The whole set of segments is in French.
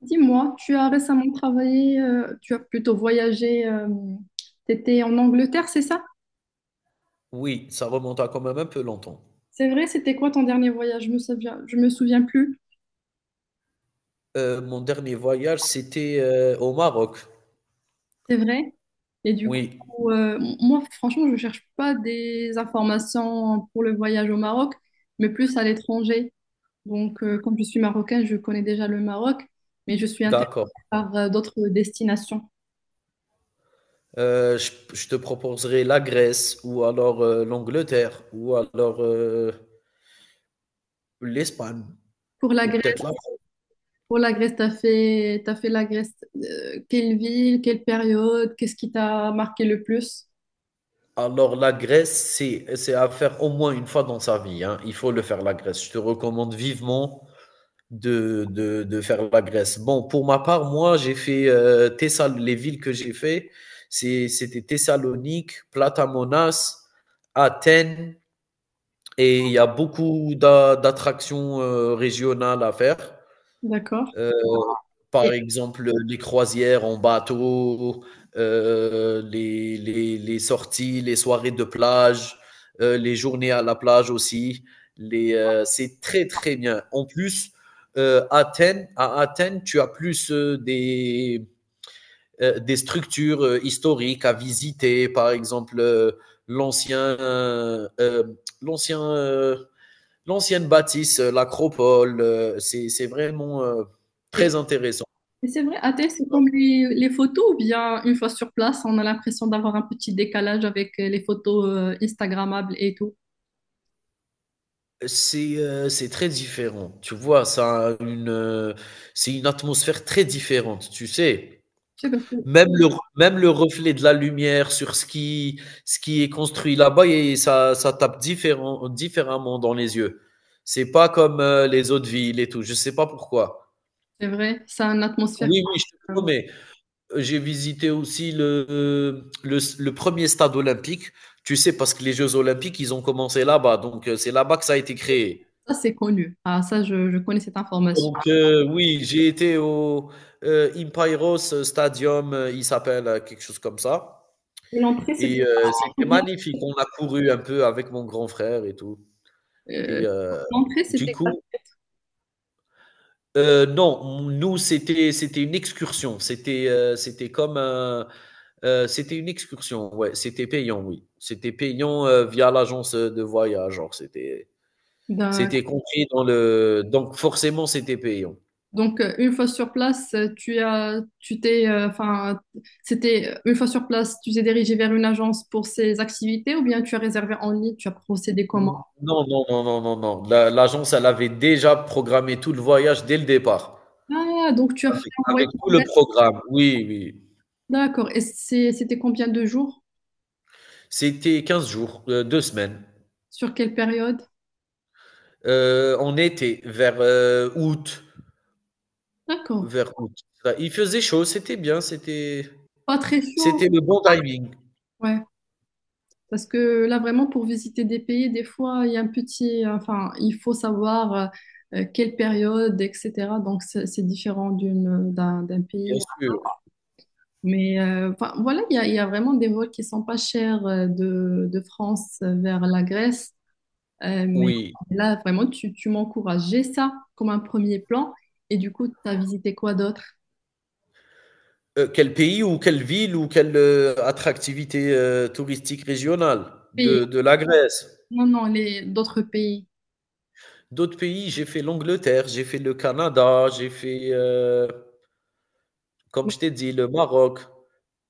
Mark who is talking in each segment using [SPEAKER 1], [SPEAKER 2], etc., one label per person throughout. [SPEAKER 1] Dis-moi, tu as récemment travaillé, tu as plutôt voyagé, tu étais en Angleterre, c'est ça?
[SPEAKER 2] Oui, ça remonte à quand même un peu longtemps.
[SPEAKER 1] C'est vrai, c'était quoi ton dernier voyage? Je me souviens plus,
[SPEAKER 2] Mon dernier voyage, c'était, au Maroc.
[SPEAKER 1] c'est vrai. Et du coup,
[SPEAKER 2] Oui,
[SPEAKER 1] moi, franchement, je ne cherche pas des informations pour le voyage au Maroc, mais plus à l'étranger. Donc, comme je suis marocaine, je connais déjà le Maroc, mais je suis intéressée
[SPEAKER 2] d'accord.
[SPEAKER 1] par d'autres destinations.
[SPEAKER 2] Je te proposerai la Grèce ou alors, l'Angleterre ou alors, l'Espagne
[SPEAKER 1] Pour la
[SPEAKER 2] ou
[SPEAKER 1] Grèce,
[SPEAKER 2] peut-être la.
[SPEAKER 1] pour la Grèce, t'as fait la Grèce, quelle ville, quelle période, qu'est-ce qui t'a marqué le plus?
[SPEAKER 2] Alors, la Grèce, c'est à faire au moins une fois dans sa vie. Hein. Il faut le faire, la Grèce. Je te recommande vivement de faire la Grèce. Bon, pour ma part, moi, j'ai fait les villes que j'ai fait, c'était Thessalonique, Platamonas, Athènes, et il y a beaucoup d'attractions régionales à faire.
[SPEAKER 1] D'accord.
[SPEAKER 2] Euh,
[SPEAKER 1] Et,
[SPEAKER 2] Par exemple, les croisières en bateau, les sorties, les soirées de plage, les journées à la plage aussi. C'est très, très bien. En plus, Athènes, à Athènes, tu as plus des structures historiques à visiter, par exemple l'ancien, euh, euh, l'ancien, euh, l'ancienne bâtisse, l'acropole. C'est vraiment
[SPEAKER 1] et-
[SPEAKER 2] très intéressant.
[SPEAKER 1] et c'est vrai, Athènes, c'est comme les photos, ou bien une fois sur place, on a l'impression d'avoir un petit décalage avec les photos Instagrammables et tout.
[SPEAKER 2] C'est très différent, tu vois? C'est une atmosphère très différente, tu sais?
[SPEAKER 1] Je sais pas, si
[SPEAKER 2] Même le même le reflet de la lumière sur ce qui est construit là-bas et ça tape différent différemment dans les yeux. C'est pas comme, les autres villes et tout, je sais pas pourquoi.
[SPEAKER 1] c'est vrai, ça a une atmosphère.
[SPEAKER 2] Oui, oui, je te
[SPEAKER 1] euh,
[SPEAKER 2] promets. J'ai visité aussi le 1er stade olympique, tu sais? Parce que les jeux olympiques, ils ont commencé là-bas, donc c'est là-bas que ça a été créé.
[SPEAKER 1] Ça, c'est connu. Ah, ça, je connais cette information.
[SPEAKER 2] Donc, oui, j'ai été au Impeiros Stadium, il s'appelle, quelque chose comme ça
[SPEAKER 1] Et l'entrée, c'était
[SPEAKER 2] et c'était
[SPEAKER 1] combien?
[SPEAKER 2] magnifique. On a couru un peu avec mon grand frère et tout
[SPEAKER 1] Euh,
[SPEAKER 2] et heu,
[SPEAKER 1] l'entrée,
[SPEAKER 2] du
[SPEAKER 1] c'était
[SPEAKER 2] coup heu, non, c'était une excursion. C'était une excursion, ouais, c'était payant, oui. C'était payant, via l'agence de voyage, genre, c'était
[SPEAKER 1] quoi?
[SPEAKER 2] c'était compris dans le donc forcément, c'était payant.
[SPEAKER 1] Donc, une fois sur place, tu as, tu t'es, enfin, c'était une fois sur place, tu t'es dirigé vers une agence pour ces activités ou bien tu as réservé en ligne, tu as procédé comment?
[SPEAKER 2] Non, non, non, non, non, non. La l'agence, elle avait déjà programmé tout le voyage dès le départ,
[SPEAKER 1] Ah, donc tu as fait
[SPEAKER 2] avec
[SPEAKER 1] un voyage.
[SPEAKER 2] avec tout le programme. Oui, oui.
[SPEAKER 1] D'accord. Et c'était combien de jours?
[SPEAKER 2] C'était 15 jours, 2 semaines.
[SPEAKER 1] Sur quelle période?
[SPEAKER 2] On était vers, août,
[SPEAKER 1] D'accord.
[SPEAKER 2] vers août. Bah, il faisait chaud, c'était bien, c'était
[SPEAKER 1] Pas très chaud.
[SPEAKER 2] c'était le bon timing,
[SPEAKER 1] Ouais. Parce que là, vraiment, pour visiter des pays, des fois, il y a un petit, enfin, il faut savoir quelle période, etc. Donc, c'est différent d'un
[SPEAKER 2] bien
[SPEAKER 1] pays.
[SPEAKER 2] sûr.
[SPEAKER 1] Mais enfin, voilà, il y a vraiment des vols qui sont pas chers euh, de France vers la Grèce. Mais
[SPEAKER 2] Oui.
[SPEAKER 1] là, vraiment, tu m'encourageais ça comme un premier plan. Et du coup, tu as visité quoi d'autre?
[SPEAKER 2] Quel pays ou quelle ville ou quelle attractivité, touristique régionale
[SPEAKER 1] Pays.
[SPEAKER 2] de la Grèce?
[SPEAKER 1] Non, non, les d'autres pays.
[SPEAKER 2] D'autres pays, j'ai fait l'Angleterre, j'ai fait le Canada, j'ai fait, comme je t'ai dit, le Maroc.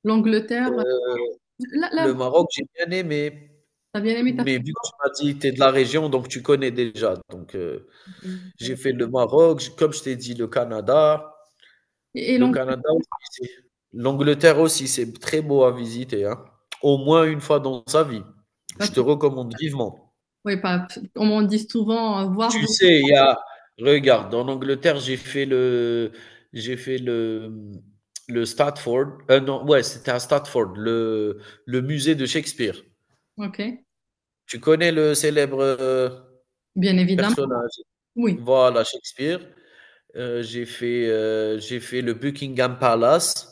[SPEAKER 1] L'Angleterre, là, là,
[SPEAKER 2] Le Maroc, j'ai bien aimé,
[SPEAKER 1] t'as bien aimé, t'as
[SPEAKER 2] mais vu que tu m'as dit: que «Tu es de la région, donc tu connais déjà». Donc,
[SPEAKER 1] fait.
[SPEAKER 2] j'ai fait le Maroc, j comme je t'ai dit, le Canada.
[SPEAKER 1] Et
[SPEAKER 2] Le Canada aussi, c'est L'Angleterre aussi, c'est très beau à visiter, hein, au moins une fois dans sa vie. Je te
[SPEAKER 1] l'Angleterre,
[SPEAKER 2] recommande vivement.
[SPEAKER 1] oui, pas, comme on dit souvent, euh,
[SPEAKER 2] Tu
[SPEAKER 1] voir.
[SPEAKER 2] sais, il y a regarde, en Angleterre, j'ai fait le Stratford, non, ouais, c'était à Stratford, le musée de Shakespeare.
[SPEAKER 1] Ok,
[SPEAKER 2] Tu connais le célèbre,
[SPEAKER 1] bien évidemment,
[SPEAKER 2] personnage?
[SPEAKER 1] oui,
[SPEAKER 2] Voilà, Shakespeare. J'ai fait le Buckingham Palace.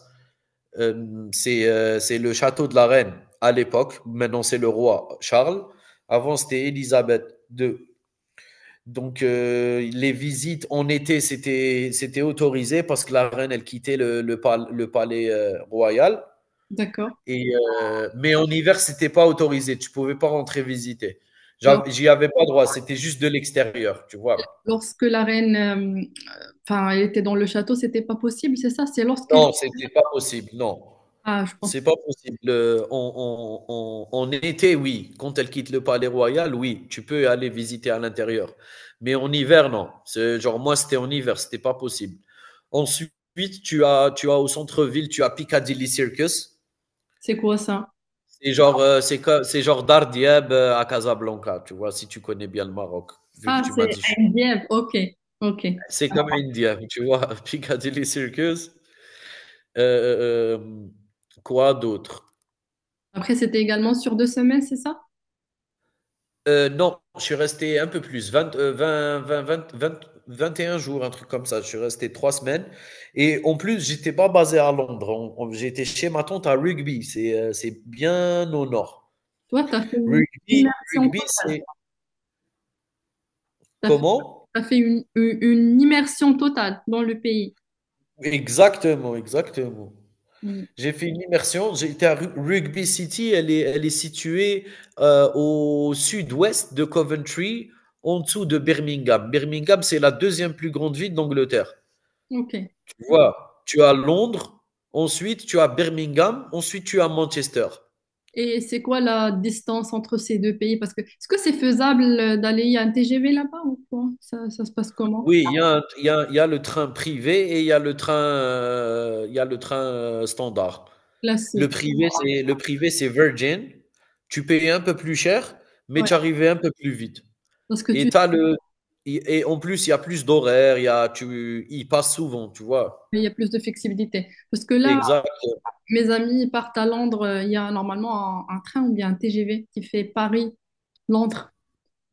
[SPEAKER 2] C'est le château de la reine à l'époque. Maintenant, c'est le roi Charles. Avant, c'était Élisabeth II. Donc, les visites en été, c'était autorisé parce que la reine, elle quittait le palais royal.
[SPEAKER 1] d'accord.
[SPEAKER 2] Et, mais en hiver, c'était pas autorisé. Tu pouvais pas rentrer visiter.
[SPEAKER 1] Lors-
[SPEAKER 2] J'y avais pas droit. C'était juste de l'extérieur, tu vois.
[SPEAKER 1] Lorsque la reine, enfin, elle était dans le château, c'était pas possible, c'est ça, c'est lorsqu'elle...
[SPEAKER 2] Non, c'était pas possible. Non.
[SPEAKER 1] Ah, je pense.
[SPEAKER 2] C'est pas possible. En été, oui, quand elle quitte le Palais Royal, oui, tu peux aller visiter à l'intérieur. Mais en hiver, non. C'est genre moi, c'était en hiver, c'était pas possible. Ensuite, tu as au centre-ville, tu as Piccadilly Circus.
[SPEAKER 1] C'est quoi ça?
[SPEAKER 2] C'est genre Dardiab, à Casablanca, tu vois? Si tu connais bien le Maroc, vu que
[SPEAKER 1] Ah,
[SPEAKER 2] tu
[SPEAKER 1] c'est
[SPEAKER 2] m'as dit: «Je
[SPEAKER 1] à
[SPEAKER 2] suis»
[SPEAKER 1] Dieppe. Ok, ok.
[SPEAKER 2] c'est comme India, tu vois? Piccadilly Circus. heu, hem, quoi d'autre?
[SPEAKER 1] Après, c'était également sur deux semaines, c'est ça?
[SPEAKER 2] Non, je suis resté un peu plus, 20, 20, 20, 20, 20, 21 jours, un truc comme ça. Je suis resté 3 semaines. Et en plus, j'étais pas basé à Londres. J'étais chez ma tante à Rugby. C'est bien au nord.
[SPEAKER 1] Toi, t'as fait une
[SPEAKER 2] Rugby,
[SPEAKER 1] immersion
[SPEAKER 2] rugby
[SPEAKER 1] totale.
[SPEAKER 2] c'est
[SPEAKER 1] T'as fait,
[SPEAKER 2] comment?
[SPEAKER 1] t'as fait une immersion totale dans le pays.
[SPEAKER 2] Exactement, exactement.
[SPEAKER 1] Mm.
[SPEAKER 2] J'ai fait une immersion. J'étais à Rugby City. Elle est située au sud-ouest de Coventry, en dessous de Birmingham. Birmingham, c'est la deuxième plus grande ville d'Angleterre.
[SPEAKER 1] Ok.
[SPEAKER 2] Tu vois, tu as Londres, ensuite tu as Birmingham, ensuite tu as Manchester.
[SPEAKER 1] Et c'est quoi la distance entre ces deux pays? Parce que est-ce que c'est faisable d'aller à un TGV là-bas ou quoi? Ça se passe comment?
[SPEAKER 2] Oui, il y a un il y a le train privé et il y a le train standard. Le
[SPEAKER 1] Classique.
[SPEAKER 2] privé, c'est le privé, c'est Virgin. Tu payes un peu plus cher, mais
[SPEAKER 1] Ouais.
[SPEAKER 2] tu arrivais un peu plus vite
[SPEAKER 1] Parce que
[SPEAKER 2] et
[SPEAKER 1] tu,
[SPEAKER 2] tu le et en plus, il y a plus d'horaires, il passe souvent, tu vois?
[SPEAKER 1] il y a plus de flexibilité. Parce que là,
[SPEAKER 2] Exact.
[SPEAKER 1] mes amis ils partent à Londres. Il y a normalement un train ou bien un TGV qui fait Paris-Londres.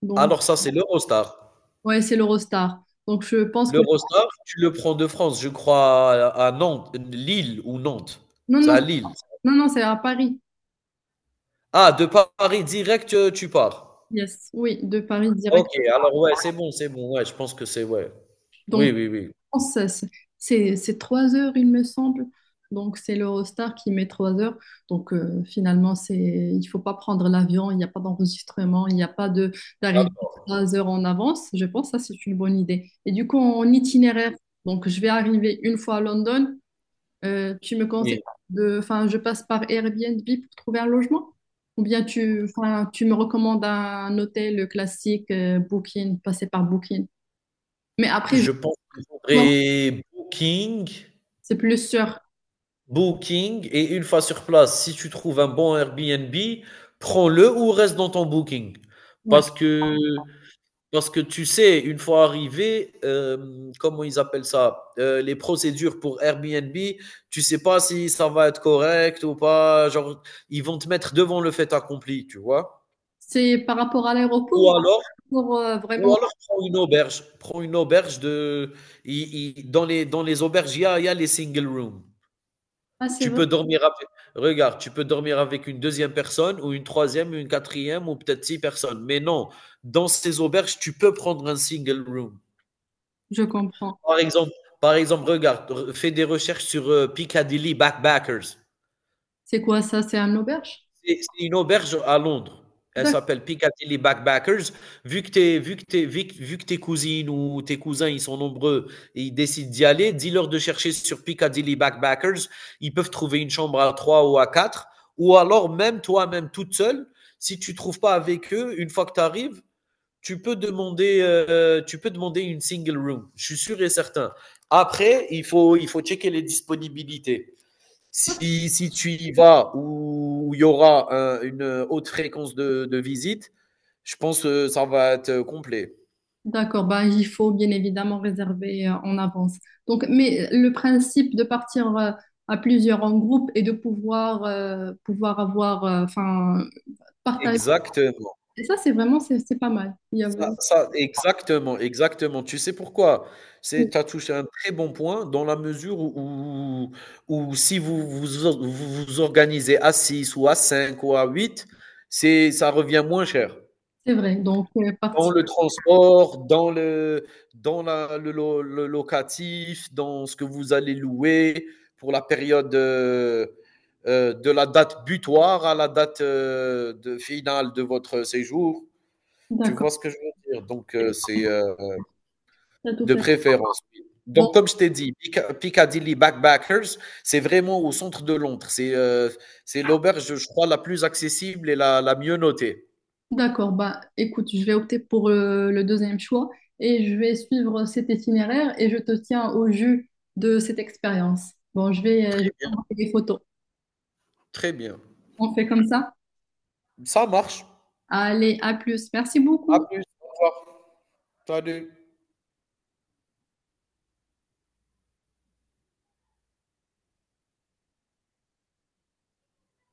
[SPEAKER 1] Donc,
[SPEAKER 2] Alors ça, c'est l'Eurostar.
[SPEAKER 1] ouais, c'est l'Eurostar. Donc, je pense que...
[SPEAKER 2] Le Rostar, tu le prends de France, je crois, à Nantes, Lille ou Nantes.
[SPEAKER 1] Non,
[SPEAKER 2] C'est
[SPEAKER 1] non,
[SPEAKER 2] à Lille.
[SPEAKER 1] non, non, c'est à Paris.
[SPEAKER 2] Ah, de Paris direct, tu pars.
[SPEAKER 1] Yes, oui, de Paris
[SPEAKER 2] Ok,
[SPEAKER 1] direct.
[SPEAKER 2] alors ouais, c'est bon, c'est bon. Ouais, je pense que c'est ouais.
[SPEAKER 1] Donc,
[SPEAKER 2] Oui, oui, oui.
[SPEAKER 1] je pense que c'est c'est trois heures, il me semble. Donc, c'est l'Eurostar qui met trois heures. Donc, finalement, c'est, il faut pas prendre l'avion. Il n'y a pas d'enregistrement. Il n'y a pas de
[SPEAKER 2] Ah,
[SPEAKER 1] d'arrivée trois heures en avance. Je pense que ça, c'est une bonne idée. Et du coup, en itinéraire, donc, je vais arriver une fois à London. Tu me conseilles
[SPEAKER 2] oui.
[SPEAKER 1] de, enfin, je passe par Airbnb pour trouver un logement? Ou bien enfin, tu me recommandes un hôtel classique, Booking, passer par Booking. Mais après, je
[SPEAKER 2] Je pense qu'il
[SPEAKER 1] vois,
[SPEAKER 2] faudrait Booking,
[SPEAKER 1] c'est plus sûr.
[SPEAKER 2] Booking, et une fois sur place, si tu trouves un bon Airbnb, prends-le ou reste dans ton Booking.
[SPEAKER 1] Ouais.
[SPEAKER 2] Parce que Parce que tu sais, une fois arrivé, comment ils appellent ça, les procédures pour Airbnb, tu sais pas si ça va être correct ou pas. Genre, ils vont te mettre devant le fait accompli, tu vois.
[SPEAKER 1] C'est par rapport à l'aéroport
[SPEAKER 2] Ou
[SPEAKER 1] ou
[SPEAKER 2] alors,
[SPEAKER 1] pour
[SPEAKER 2] ou
[SPEAKER 1] vraiment.
[SPEAKER 2] alors prends une auberge, dans les auberges, il y a les single rooms.
[SPEAKER 1] Ah, c'est
[SPEAKER 2] Tu
[SPEAKER 1] vrai,
[SPEAKER 2] peux dormir avec, Regarde, tu peux dormir avec une deuxième personne ou une troisième, une quatrième ou peut-être six personnes. Mais non, dans ces auberges, tu peux prendre un single room.
[SPEAKER 1] je comprends.
[SPEAKER 2] Par exemple, par exemple, regarde, fais des recherches sur Piccadilly Backpackers.
[SPEAKER 1] C'est quoi ça? C'est un auberge?
[SPEAKER 2] C'est une auberge à Londres. Elle
[SPEAKER 1] D'accord.
[SPEAKER 2] s'appelle Piccadilly Backpackers. Vu que, t'es- vu, que t'es- vu que tes cousines ou tes cousins, ils sont nombreux et ils décident d'y aller, dis-leur de chercher sur Piccadilly Backpackers. Ils peuvent trouver une chambre à trois ou à quatre. Ou alors, même toi-même, toute seule, si tu trouves pas avec eux, une fois que tu arrives, tu peux demander une single room. Je suis sûr et certain. Après, il faut checker les disponibilités. Si tu y vas où il y aura une haute fréquence de visite, je pense que ça va être complet.
[SPEAKER 1] D'accord, bah, il faut bien évidemment réserver en avance. Donc, mais le principe de partir à plusieurs en groupe et de pouvoir, avoir, enfin, partager,
[SPEAKER 2] Exactement.
[SPEAKER 1] et ça, c'est vraiment, c'est pas mal. Il y a...
[SPEAKER 2] Exactement, exactement. Tu sais pourquoi? Tu as touché un très bon point dans la mesure où si vous vous organisez à 6 ou à 5 ou à 8, ça revient moins cher.
[SPEAKER 1] C'est vrai, donc
[SPEAKER 2] Dans
[SPEAKER 1] parti.
[SPEAKER 2] le transport, dans le dans la le lo le locatif, dans ce que vous allez louer pour la période, de la date butoir à la date, de finale de votre séjour. Tu vois
[SPEAKER 1] D'accord,
[SPEAKER 2] ce que je veux dire? Donc,
[SPEAKER 1] t'as tout
[SPEAKER 2] de
[SPEAKER 1] fait.
[SPEAKER 2] préférence, oui.
[SPEAKER 1] Bon,
[SPEAKER 2] Donc comme je t'ai dit, Pica Piccadilly Backpackers, c'est vraiment au centre de Londres. C'est l'auberge, je crois, la plus accessible et la mieux notée.
[SPEAKER 1] d'accord, bah écoute, je vais opter pour le deuxième choix et je vais suivre cet itinéraire et je te tiens au jus de cette expérience. Bon, je vais
[SPEAKER 2] Très bien,
[SPEAKER 1] envoyer des photos.
[SPEAKER 2] très bien.
[SPEAKER 1] On fait comme ça?
[SPEAKER 2] Ça marche.
[SPEAKER 1] Allez, à plus. Merci
[SPEAKER 2] À
[SPEAKER 1] beaucoup.
[SPEAKER 2] plus, au revoir. So I do.